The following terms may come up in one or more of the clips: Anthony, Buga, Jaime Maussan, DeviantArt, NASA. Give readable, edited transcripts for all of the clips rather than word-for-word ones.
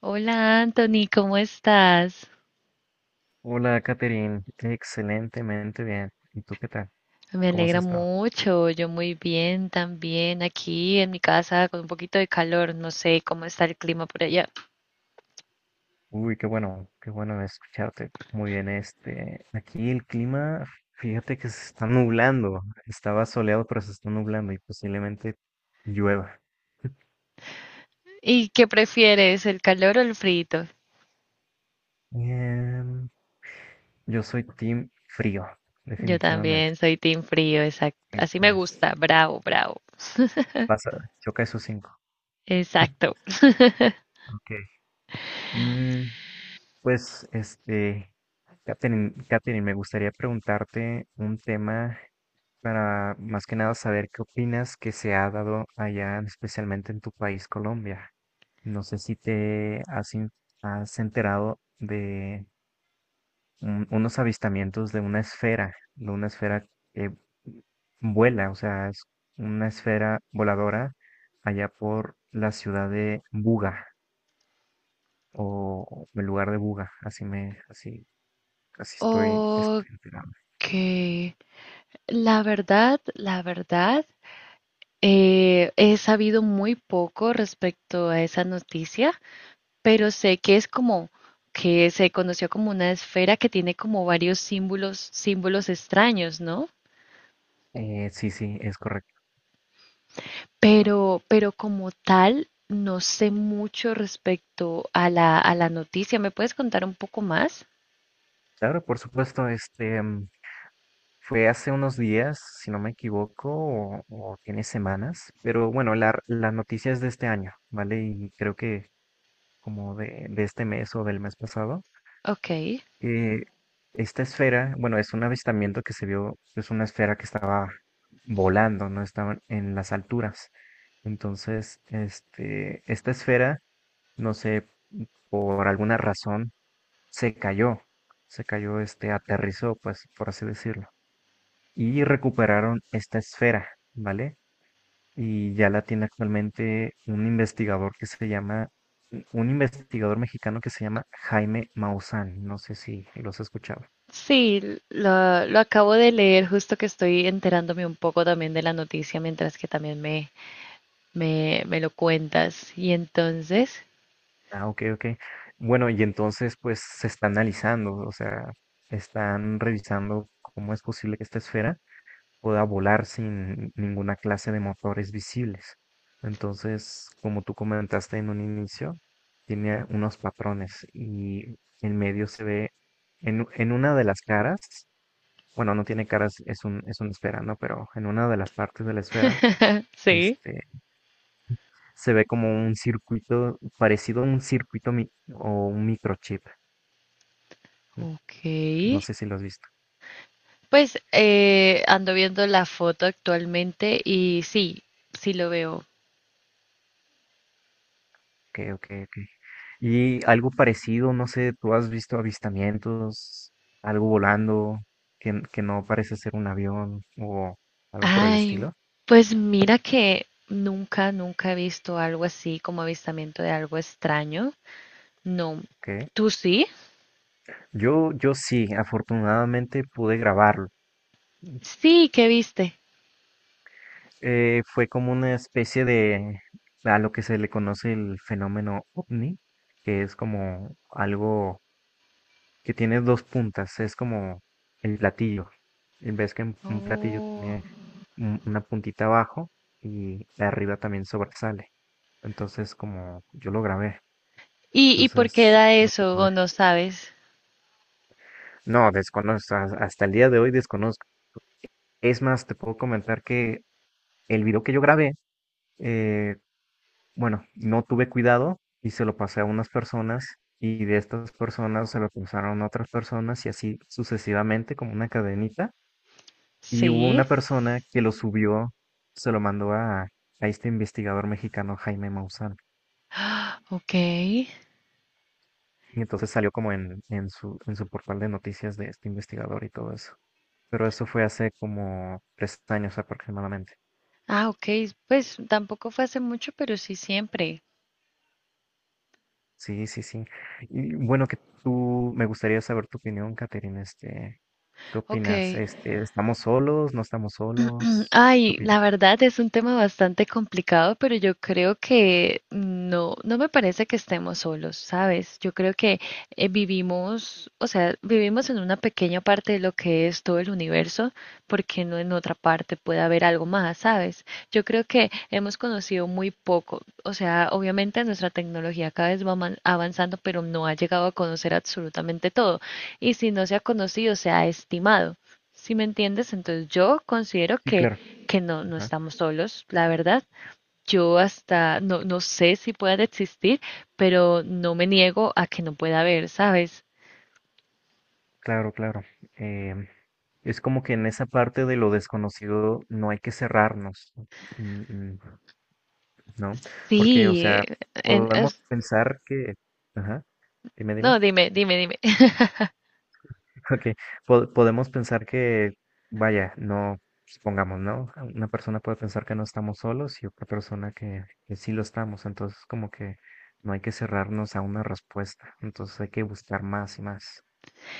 Hola Anthony, ¿cómo estás? Hola, Catherine. Excelentemente bien. ¿Y tú qué tal? Me ¿Cómo has alegra estado? mucho, yo muy bien también aquí en mi casa con un poquito de calor, no sé cómo está el clima por allá. Uy, qué bueno escucharte. Muy bien, aquí el clima, fíjate que se está nublando. Estaba soleado, pero se está nublando y posiblemente llueva. ¿Y qué prefieres, el calor o el frito? Em, yo soy team frío, Yo definitivamente. también soy team frío, exacto. Así Eso me es. gusta, bravo, bravo. Vas Pasa, choca esos cinco. Exacto. Ok. Mm, pues, este, Catherine, me gustaría preguntarte un tema para más que nada saber qué opinas que se ha dado allá, especialmente en tu país, Colombia. No sé si te has, has enterado de unos avistamientos de una esfera que vuela, o sea, es una esfera voladora allá por la ciudad de Buga o el lugar de Buga, así me, así, así estoy Ok, enterado. la verdad, he sabido muy poco respecto a esa noticia. Pero sé que es como que se conoció como una esfera que tiene como varios símbolos, símbolos extraños, ¿no? Sí, sí, es correcto. Pero como tal, no sé mucho respecto a la noticia. ¿Me puedes contar un poco más? Claro, por supuesto, fue hace unos días, si no me equivoco, o tiene semanas, pero bueno, la noticia es de este año, ¿vale? Y creo que como de este mes o del mes pasado, Ok. que esta esfera, bueno, es un avistamiento que se vio, es una esfera que estaba volando, no estaba en las alturas. Entonces, esta esfera, no sé, por alguna razón, se cayó, se cayó, aterrizó, pues, por así decirlo, y recuperaron esta esfera, ¿vale? Y ya la tiene actualmente un investigador que se llama, un investigador mexicano que se llama Jaime Maussan. No sé si los has escuchado. Sí, lo acabo de leer, justo que estoy enterándome un poco también de la noticia mientras que también me lo cuentas. Y entonces, Ah, ok, ok. Bueno, y entonces pues se está analizando, o sea, están revisando cómo es posible que esta esfera pueda volar sin ninguna clase de motores visibles. Entonces, como tú comentaste en un inicio, tiene unos patrones y en medio se ve, en una de las caras, bueno, no tiene caras, es una esfera, ¿no? Pero en una de las partes de la esfera, sí, este, se ve como un circuito, parecido a un circuito mi- o un microchip. ok. No sé si lo has visto. Pues ando viendo la foto actualmente y sí, sí lo veo. Ok, ok, y algo parecido, no sé, ¿tú has visto avistamientos, algo volando que no parece ser un avión o algo por el Ay, estilo? pues mira que nunca he visto algo así como avistamiento de algo extraño. No. ¿Qué? ¿Tú sí? Yo sí, afortunadamente pude grabarlo. Sí, ¿qué viste? Fue como una especie de a lo que se le conoce el fenómeno ovni, que es como algo que tiene dos puntas, es como el platillo. Y ves que un platillo Oh. tiene una puntita abajo y la arriba también sobresale. Entonces, como yo lo grabé, Y por qué entonces es da lo que eso pude. o no sabes? No, desconozco, hasta el día de hoy desconozco. Es más, te puedo comentar que el video que yo grabé, eh, bueno, no tuve cuidado y se lo pasé a unas personas y de estas personas se lo pasaron a otras personas y así sucesivamente como una cadenita. Y hubo Sí. una persona que lo subió, se lo mandó a este investigador mexicano Jaime Maussan. Ok. Y entonces salió como en su portal de noticias de este investigador y todo eso. Pero eso fue hace como 3 años aproximadamente. Ah, ok. Pues tampoco fue hace mucho, pero sí siempre. Sí, sí, sí. Y bueno, que tú, me gustaría saber tu opinión, Caterina. ¿Qué Ok. opinas? Este, ¿estamos solos? ¿No estamos solos? ¿Qué Ay, la opinas? verdad es un tema bastante complicado, pero yo creo que no, no me parece que estemos solos, ¿sabes? Yo creo que vivimos, o sea, vivimos en una pequeña parte de lo que es todo el universo, porque no en otra parte puede haber algo más, ¿sabes? Yo creo que hemos conocido muy poco, o sea, obviamente nuestra tecnología cada vez va avanzando, pero no ha llegado a conocer absolutamente todo, y si no se ha conocido, se ha estimado. ¿Si me entiendes? Entonces yo considero Sí, claro. que no, no Ajá. estamos solos, la verdad. Yo hasta no, no sé si puedan existir, pero no me niego a que no pueda haber, ¿sabes? Claro, claro. Em, es como que en esa parte de lo desconocido no hay que cerrarnos, mm, mm, ¿no? Porque, o Sí, sea, en- podemos es- pensar que, ajá, no, dime, dime. ok, podemos pensar que, vaya, no, supongamos, ¿no? Una persona puede pensar que no estamos solos y otra persona que sí lo estamos, entonces como que no hay que cerrarnos a una respuesta, entonces hay que buscar más y más.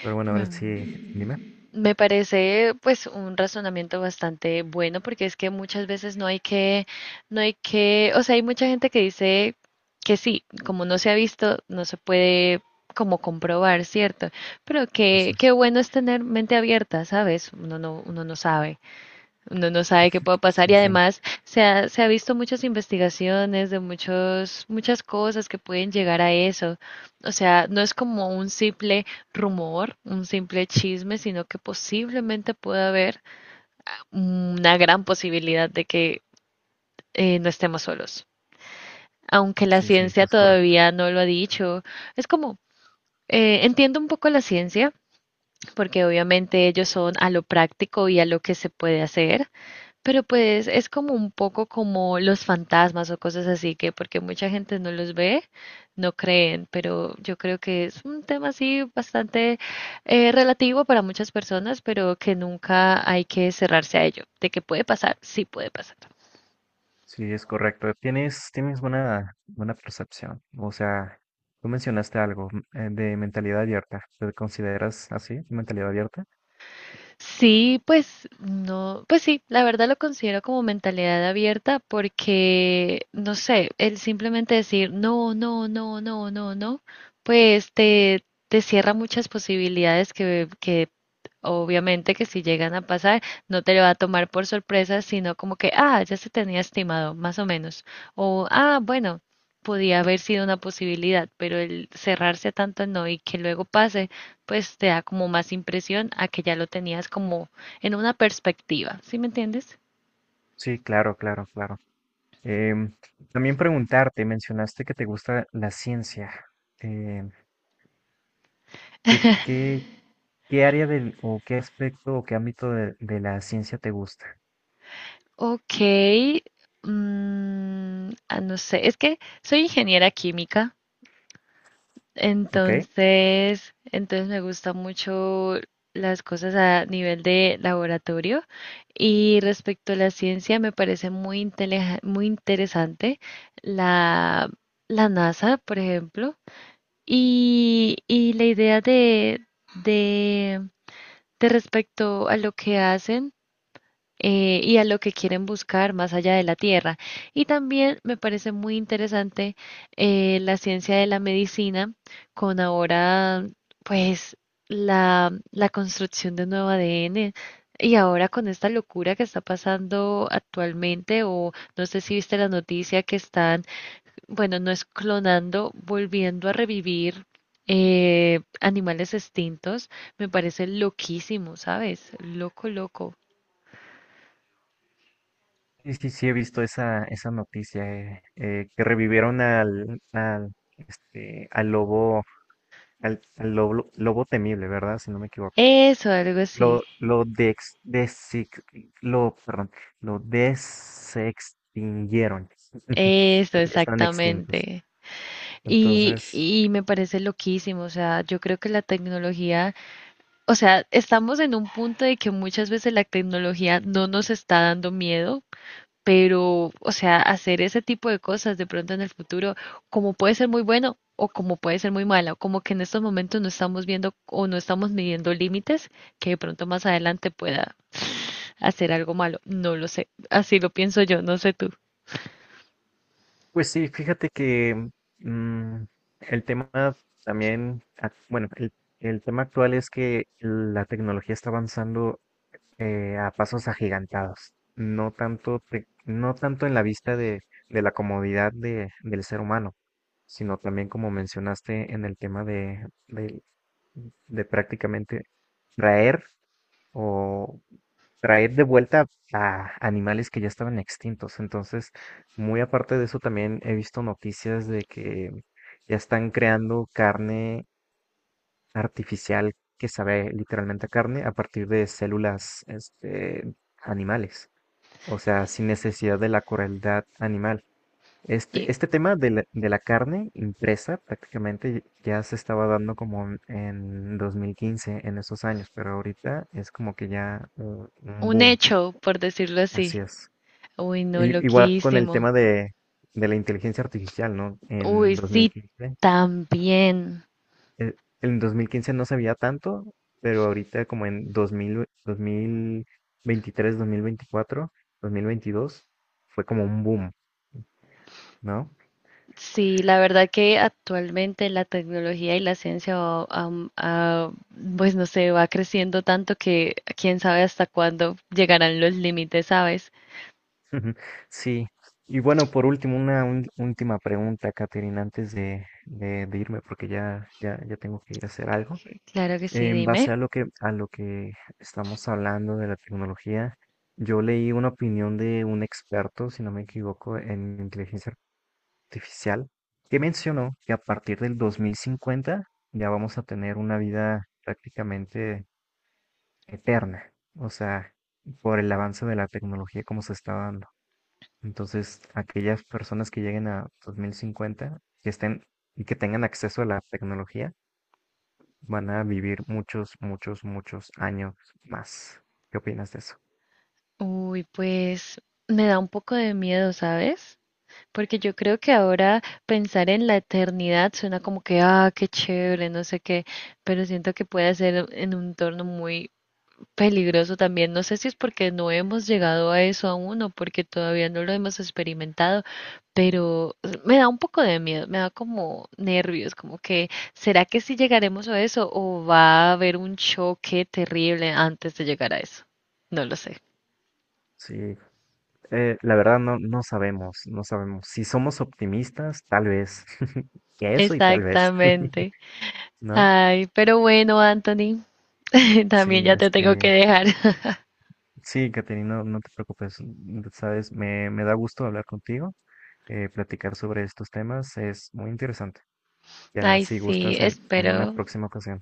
Pero bueno, a ver si, dime, Me parece pues un razonamiento bastante bueno porque es que muchas veces no hay que, o sea, hay mucha gente que dice que sí, como no se ha visto, no se puede como comprobar, ¿cierto? Pero que, qué gracias. bueno es tener mente abierta, ¿sabes? Uno no sabe. Uno no sabe qué puede pasar Sí, y sí, además se ha visto muchas investigaciones de muchos, muchas cosas que pueden llegar a eso. O sea, no es como un simple rumor, un simple chisme, sino que posiblemente pueda haber una gran posibilidad de que no estemos solos. Aunque la sí, ciencia es correcto. todavía no lo ha dicho, es como, entiendo un poco la ciencia, porque obviamente ellos son a lo práctico y a lo que se puede hacer, pero pues es como un poco como los fantasmas o cosas así, que porque mucha gente no los ve, no creen, pero yo creo que es un tema así bastante relativo para muchas personas, pero que nunca hay que cerrarse a ello. De que puede pasar. Sí, es correcto. Tienes buena, buena percepción. O sea, tú mencionaste algo de mentalidad abierta. ¿Te consideras así, mentalidad abierta? Sí, pues no, pues sí, la verdad lo considero como mentalidad abierta porque, no sé, el simplemente decir no, no, no, no, no, no, pues te cierra muchas posibilidades que obviamente que si llegan a pasar, no te lo va a tomar por sorpresa, sino como que, ah, ya se tenía estimado, más o menos. O, ah, bueno, podía haber sido una posibilidad, pero el cerrarse a tanto no y que luego pase, pues te da como más impresión a que ya lo tenías como en una perspectiva, ¿sí me entiendes? Sí, claro, claro, claro. Em, También preguntarte, mencionaste que te gusta la ciencia. Em, ¿Qué, qué, qué área del, o qué aspecto o qué ámbito de la ciencia te gusta? Ok, no sé, es que soy ingeniera química. ¿Ok? Entonces me gusta mucho las cosas a nivel de laboratorio y respecto a la ciencia me parece muy interesante la, la NASA, por ejemplo, y la idea de, de respecto a lo que hacen y a lo que quieren buscar más allá de la Tierra. Y también me parece muy interesante la ciencia de la medicina con ahora, pues, la construcción de nuevo ADN. Y ahora con esta locura que está pasando actualmente, o no sé si viste la noticia que están, bueno, no es clonando, volviendo a revivir animales extintos, me parece loquísimo, ¿sabes? Loco, loco. Sí, sí, sí, he visto esa, esa noticia, que revivieron al lobo, al lobo, lobo temible, ¿verdad? Si no me equivoco. Eso, algo así. Lo, dex, desix- lo, perdón, lo desextinguieron. Eso, Porque ya están extintos. exactamente. Entonces, Y me parece loquísimo, o sea, yo creo que la tecnología, o sea, estamos en un punto de que muchas veces la tecnología no nos está dando miedo, pero, o sea, hacer ese tipo de cosas de pronto en el futuro, como puede ser muy bueno o como puede ser muy malo, como que en estos momentos no estamos viendo o no estamos midiendo límites que de pronto más adelante pueda hacer algo malo, no lo sé, así lo pienso yo, no sé tú. pues sí, fíjate que mm, el tema también, el tema actual es que la tecnología está avanzando a pasos agigantados, no tanto en la vista de la comodidad del ser humano, sino también como mencionaste en el tema de prácticamente traer o traer de vuelta a animales que ya estaban extintos. Entonces, muy aparte de eso, también he visto noticias de que ya están creando carne artificial que sabe literalmente a carne a partir de células animales, o sea, sin necesidad de la crueldad animal. Este tema de de la carne impresa prácticamente ya se estaba dando como en 2015, en esos años, pero ahorita es como que ya un Un boom, hecho, por decirlo así así. es. Uy, no, Y- igual con el loquísimo. tema de la inteligencia artificial, ¿no? Uy, En sí, 2015 también. En 2015 no sabía tanto, pero ahorita como en 2000, 2023, 2024, 2022, fue como un boom, ¿no? Sí, la verdad que actualmente la tecnología y la ciencia, pues no sé, va creciendo tanto que quién sabe hasta cuándo llegarán los límites, ¿sabes? Sí. Y bueno, por último, última pregunta, Caterina, antes de irme, porque ya tengo que ir a hacer algo. Claro que sí, En dime. base a lo que estamos hablando de la tecnología, yo leí una opinión de un experto, si no me equivoco, en inteligencia artificial que mencionó que a partir del 2050 ya vamos a tener una vida prácticamente eterna, o sea, por el avance de la tecnología como se está dando. Entonces, aquellas personas que lleguen a 2050, que estén y que tengan acceso a la tecnología, van a vivir muchos, muchos, muchos años más. ¿Qué opinas de eso? Uy, pues me da un poco de miedo, ¿sabes? Porque yo creo que ahora pensar en la eternidad suena como que, ah, qué chévere, no sé qué, pero siento que puede ser en un torno muy peligroso también. No sé si es porque no hemos llegado a eso aún o porque todavía no lo hemos experimentado, pero me da un poco de miedo, me da como nervios, como que, ¿será que sí llegaremos a eso o va a haber un choque terrible antes de llegar a eso? No lo sé. Sí, la verdad no, no sabemos, no sabemos. Si somos optimistas, tal vez. Eso y tal vez, Exactamente. ¿no? Ay, pero bueno, Anthony, también Sí, ya te tengo que este, dejar. sí, Caterina, no, no te preocupes, mm, sabes, me da gusto hablar contigo, platicar sobre estos temas, es muy interesante. Ya Ay, si sí, gustas en una espero, próxima ocasión.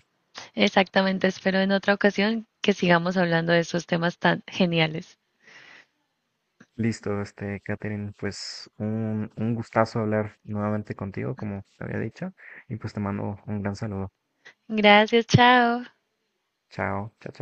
exactamente, espero en otra ocasión que sigamos hablando de esos temas tan geniales. Listo, este, Catherine, pues un gustazo hablar nuevamente contigo, como te había dicho, y pues te mando un gran saludo. Gracias, chao. Chao, chao.